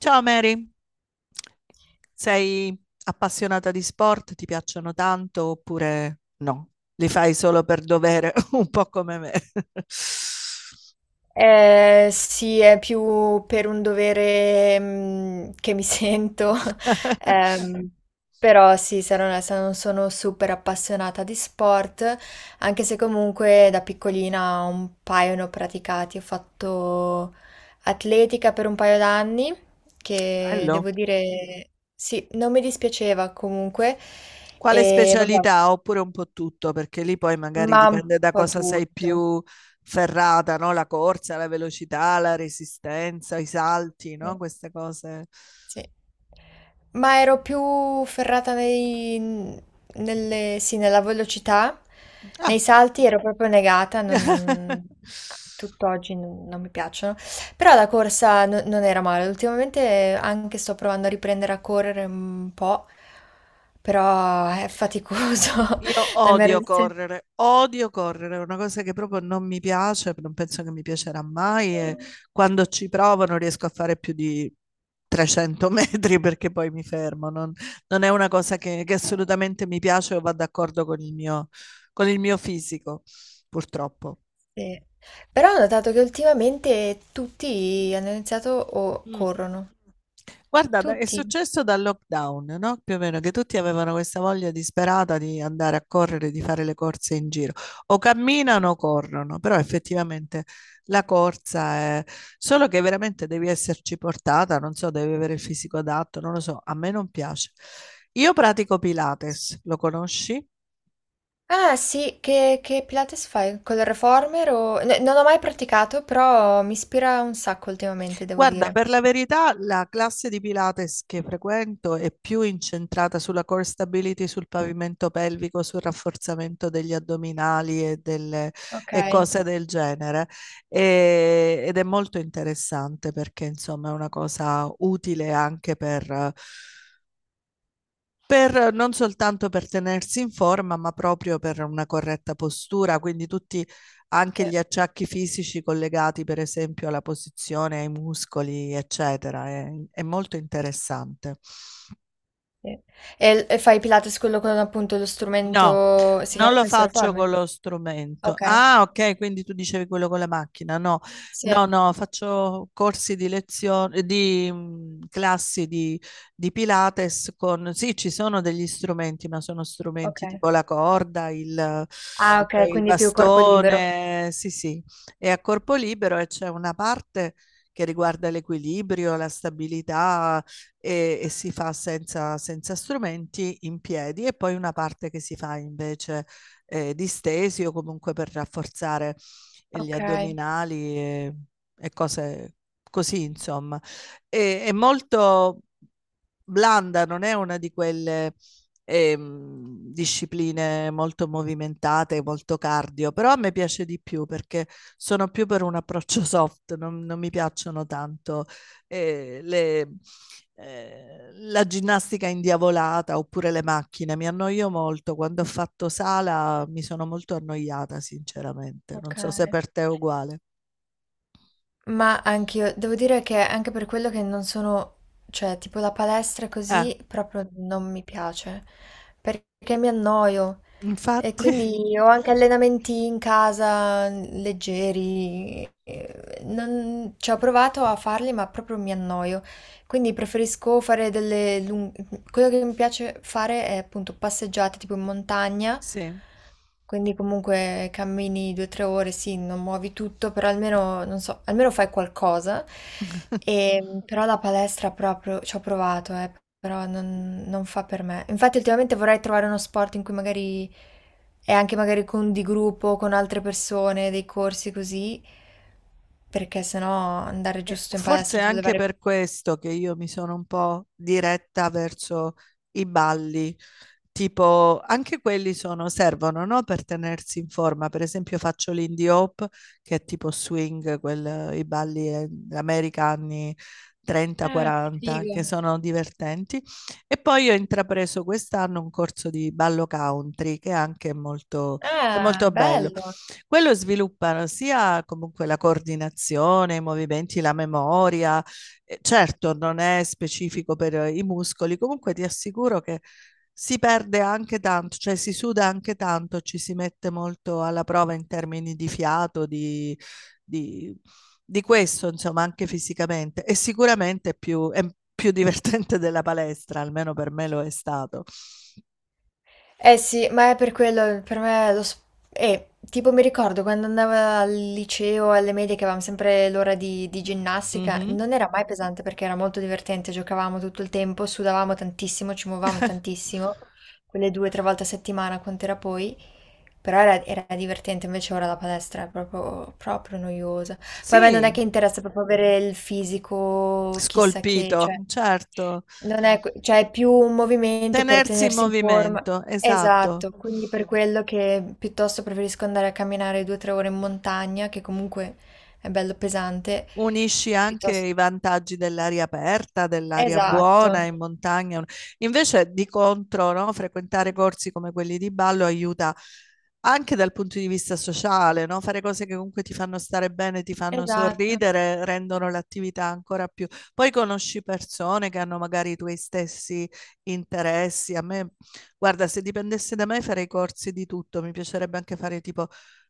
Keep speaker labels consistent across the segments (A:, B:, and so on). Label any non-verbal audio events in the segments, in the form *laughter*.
A: Ciao Mary, sei appassionata di sport? Ti piacciono tanto oppure no? Li fai solo per dovere, *laughs* un po' come me.
B: Sì, è più per un dovere, che mi sento, *laughs*
A: *laughs*
B: ehm, però sì, sarò onesta, non sono super appassionata di sport, anche se comunque da piccolina un paio ne ho praticati. Ho fatto atletica per un paio d'anni, che
A: Bello.
B: devo dire, sì, non mi dispiaceva comunque,
A: Quale
B: e vabbè,
A: specialità? Oppure un po' tutto, perché lì poi magari
B: ma un
A: dipende da
B: po'
A: cosa sei
B: tutto.
A: più ferrata, no? La corsa, la velocità, la resistenza, i salti,
B: Sì.
A: no? Queste cose.
B: Sì. Ma ero più ferrata nei, nelle, sì, nella velocità,
A: Ah.
B: nei salti ero proprio negata, non,
A: *laughs*
B: tutt'oggi non, non mi piacciono, però la corsa non era male, ultimamente anche sto provando a riprendere a correre un po', però è faticoso,
A: Io
B: *laughs* la mia resistenza.
A: odio correre, è una cosa che proprio non mi piace, non penso che mi piacerà mai e quando ci provo non riesco a fare più di 300 *laughs* metri perché poi mi fermo, non, non è una cosa che assolutamente mi piace o va d'accordo con il mio fisico, purtroppo.
B: Sì. Però ho notato che ultimamente tutti hanno iniziato o
A: Mm.
B: corrono,
A: Guarda, è
B: tutti.
A: successo dal lockdown, no? Più o meno, che tutti avevano questa voglia disperata di andare a correre, di fare le corse in giro. O camminano o corrono, però effettivamente la corsa è... Solo che veramente devi esserci portata, non so, devi avere il fisico adatto, non lo so, a me non piace. Io pratico Pilates, lo conosci?
B: Ah sì, che Pilates fai? Con il reformer o. Non ho mai praticato, però mi ispira un sacco ultimamente, devo
A: Guarda,
B: dire.
A: per la verità, la classe di Pilates che frequento è più incentrata sulla core stability, sul pavimento pelvico, sul rafforzamento degli addominali e, delle,
B: Ok.
A: e cose del genere. Ed è molto interessante perché, insomma, è una cosa utile anche per, non soltanto per tenersi in forma, ma proprio per una corretta postura, quindi tutti
B: Sì,
A: anche gli acciacchi fisici collegati, per esempio, alla posizione, ai muscoli, eccetera. È molto interessante.
B: sì. E fai Pilates quello con appunto lo
A: No,
B: strumento, si
A: non
B: chiama
A: lo
B: penso
A: faccio
B: reformer?
A: con lo strumento.
B: Ok,
A: Ah, ok, quindi tu dicevi quello con la macchina. No,
B: sì,
A: no, no, faccio corsi di lezione, di classi di Pilates con... Sì, ci sono degli strumenti, ma sono
B: ok.
A: strumenti tipo la corda,
B: Ah ok,
A: il
B: quindi più corpo libero.
A: bastone, sì, sì. È a corpo libero e c'è una parte che riguarda l'equilibrio, la stabilità, e si fa senza, senza strumenti in piedi e poi una parte che si fa invece distesi o comunque per rafforzare gli
B: Ok,
A: addominali e cose così, insomma. E, è molto blanda, non è una di quelle discipline molto movimentate, molto cardio, però a me piace di più perché sono più per un approccio *laughs* soft, non, non mi piacciono tanto eh, le, la ginnastica indiavolata oppure le macchine. Mi annoio molto. Quando ho fatto sala mi sono molto annoiata, sinceramente.
B: ok.
A: Non so se per te è uguale.
B: Ma anch'io, devo dire che anche per quello che non sono, cioè, tipo la palestra
A: Eh,
B: così proprio non mi piace, perché mi annoio e
A: infatti, *laughs*
B: quindi ho anche allenamenti in casa leggeri, ci ho provato a farli ma proprio mi annoio, quindi preferisco fare quello che mi piace fare è appunto passeggiate tipo in montagna,
A: sì.
B: quindi comunque cammini 2 o 3 ore, sì, non muovi tutto, però almeno, non so, almeno fai qualcosa.
A: *laughs*
B: E, però la palestra proprio ci ho provato, però non fa per me. Infatti ultimamente vorrei trovare uno sport in cui magari è anche magari con di gruppo, con altre persone, dei corsi così, perché sennò andare
A: E
B: giusto in
A: forse
B: palestra
A: è
B: sulle
A: anche
B: varie.
A: per questo che io mi sono un po' diretta verso i balli, tipo anche quelli sono, servono, no? Per tenersi in forma. Per esempio faccio l'indie hop, che è tipo swing, i balli americani
B: Ah, che
A: 30-40,
B: figo!
A: che sono divertenti. E poi ho intrapreso quest'anno un corso di ballo country, che anche è
B: Ah,
A: molto bello.
B: bello!
A: Quello sviluppano sia comunque la coordinazione, i movimenti, la memoria. Certo, non è specifico per i muscoli, comunque ti assicuro che si perde anche tanto, cioè si suda anche tanto, ci si mette molto alla prova in termini di fiato, di, di- di questo, insomma, anche fisicamente. E sicuramente è più divertente della palestra, almeno per me lo è stato.
B: Eh sì, ma è per quello, per me lo. Tipo mi ricordo quando andavo al liceo, alle medie, che avevamo sempre l'ora di ginnastica,
A: Mhm.
B: non era mai pesante perché era molto divertente, giocavamo tutto il tempo, sudavamo tantissimo, ci muovevamo tantissimo, quelle 2 o 3 volte a settimana, quant'era poi, però era divertente, invece ora la palestra è proprio, proprio noiosa. Poi a me non
A: Sì,
B: è che interessa proprio avere il fisico chissà che,
A: scolpito,
B: cioè
A: certo.
B: non è que cioè è più un movimento per
A: Tenersi in
B: tenersi in forma,
A: movimento, esatto.
B: esatto, quindi per quello che piuttosto preferisco andare a camminare 2, 3 ore in montagna, che comunque è bello pesante,
A: Unisci anche
B: piuttosto,
A: i vantaggi dell'aria aperta, dell'aria buona
B: esatto,
A: in montagna. Invece, di contro, no, frequentare corsi come quelli di ballo aiuta anche dal punto di vista sociale, no? Fare cose che comunque ti fanno stare bene, ti fanno
B: esatto,
A: sorridere, rendono l'attività ancora più. Poi conosci persone che hanno magari i tuoi stessi interessi. A me, guarda, se dipendesse da me farei corsi di tutto, mi piacerebbe anche fare tipo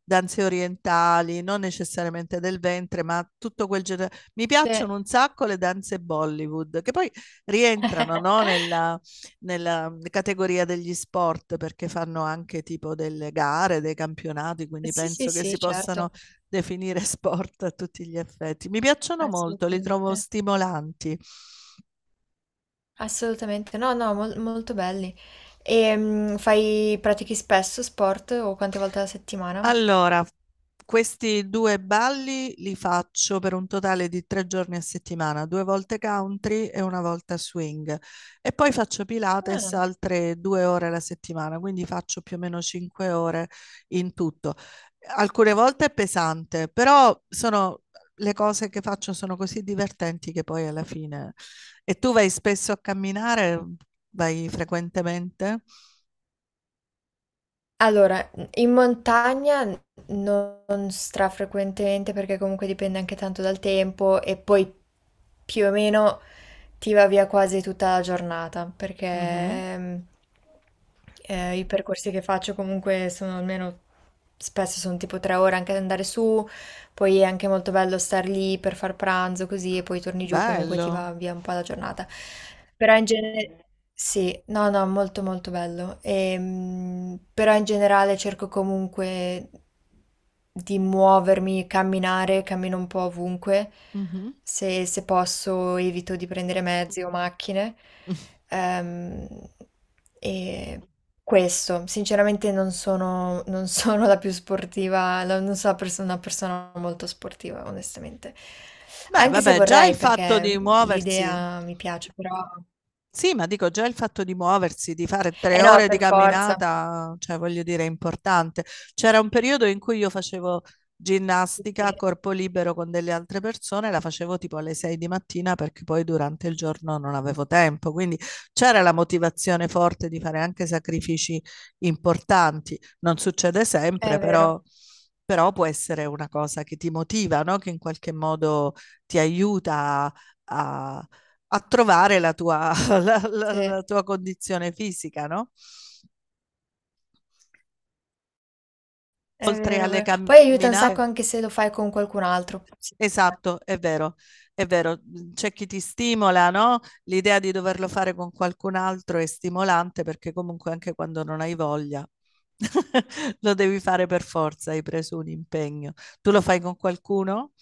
A: danze orientali, non necessariamente del ventre, ma tutto quel genere. Mi
B: sì.
A: piacciono un sacco le danze Bollywood, che poi rientrano,
B: *laughs*
A: no, nella, nella categoria degli sport, perché fanno anche tipo delle gare, dei campionati, quindi
B: Sì, sì,
A: penso che si
B: sì,
A: possano
B: certo,
A: definire sport a tutti gli effetti. Mi piacciono molto, li trovo
B: assolutamente.
A: stimolanti.
B: Assolutamente, no, no, molto belli. E pratichi spesso sport o quante volte alla settimana?
A: Allora, questi due balli li faccio per un totale di 3 giorni a settimana, 2 volte country e 1 volta swing. E poi faccio Pilates
B: Ah.
A: altre 2 ore alla settimana, quindi faccio più o meno 5 ore in tutto. Alcune volte è pesante, però sono, le cose che faccio sono così divertenti che poi alla fine... E tu vai spesso a camminare? Vai frequentemente?
B: Allora, in montagna non strafrequentemente perché comunque dipende anche tanto dal tempo e poi più o meno ti va via quasi tutta la giornata perché
A: Mhm.
B: i percorsi che faccio comunque sono almeno spesso sono tipo 3 ore anche ad andare su. Poi è anche molto bello star lì per far pranzo così e poi torni giù, comunque ti
A: Bello.
B: va via un po' la giornata. Però in genere sì, no, no, molto molto bello. Però in generale cerco comunque di muovermi, camminare, cammino un po' ovunque.
A: Mhm.
B: Se posso evito di prendere mezzi o macchine.
A: *laughs*
B: Ehm, e questo, sinceramente non sono la più sportiva, non sono una persona molto sportiva, onestamente.
A: Beh,
B: Anche se
A: vabbè, già
B: vorrei,
A: il fatto di
B: perché
A: muoversi,
B: l'idea mi piace, però.
A: sì, ma dico già il fatto di muoversi, di fare
B: Eh
A: tre
B: no,
A: ore di
B: per forza.
A: camminata, cioè voglio dire, è importante. C'era un periodo in cui io facevo
B: Sì,
A: ginnastica a corpo libero con delle altre persone, la facevo tipo alle 6 di mattina perché poi durante il giorno non avevo tempo, quindi c'era la motivazione forte di fare anche sacrifici importanti. Non succede
B: è
A: sempre,
B: vero,
A: però, però può essere una cosa che ti motiva, no? Che in qualche modo ti aiuta a a trovare la tua, la,
B: sì, è
A: la tua condizione fisica, no? Oltre
B: vero, è
A: alle
B: vero. Poi aiuta un sacco
A: camminate.
B: anche se lo fai con qualcun altro, secondo me.
A: Esatto, è vero, è vero. C'è chi ti stimola, no? L'idea di doverlo fare con qualcun altro è stimolante perché comunque anche quando non hai voglia *laughs* lo devi fare per forza, hai preso un impegno. Tu lo fai con qualcuno?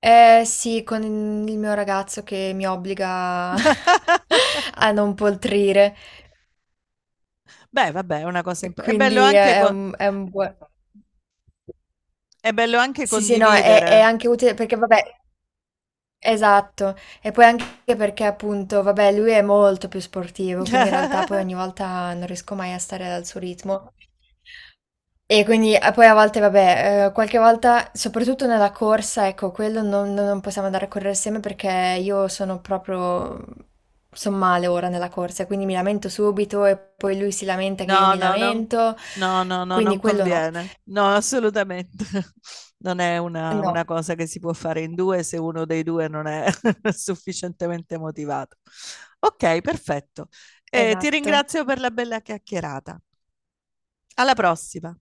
B: Eh sì, con il mio ragazzo che mi obbliga *laughs*
A: *laughs*
B: a non poltrire.
A: Beh, vabbè, è una cosa
B: E
A: importante. È bello
B: quindi
A: anche,
B: è è un è un bue.
A: è bello anche
B: Sì, sì, no, è
A: condividere.
B: anche utile perché vabbè, esatto, e poi anche perché appunto, vabbè, lui è molto più sportivo, quindi in realtà poi ogni
A: *laughs*
B: volta non riesco mai a stare al suo ritmo. E quindi e poi a volte vabbè, qualche volta soprattutto nella corsa, ecco, quello non possiamo andare a correre assieme perché io sono proprio son male ora nella corsa, quindi mi lamento subito e poi lui si lamenta che io
A: No,
B: mi
A: no, non,
B: lamento,
A: no, no, no,
B: quindi
A: non
B: quello no.
A: conviene. No, assolutamente. *laughs* Non è
B: No.
A: una cosa che si può fare in due se uno dei due non è *laughs* sufficientemente motivato. Ok, perfetto. Ti
B: Esatto.
A: ringrazio per la bella chiacchierata. Alla prossima.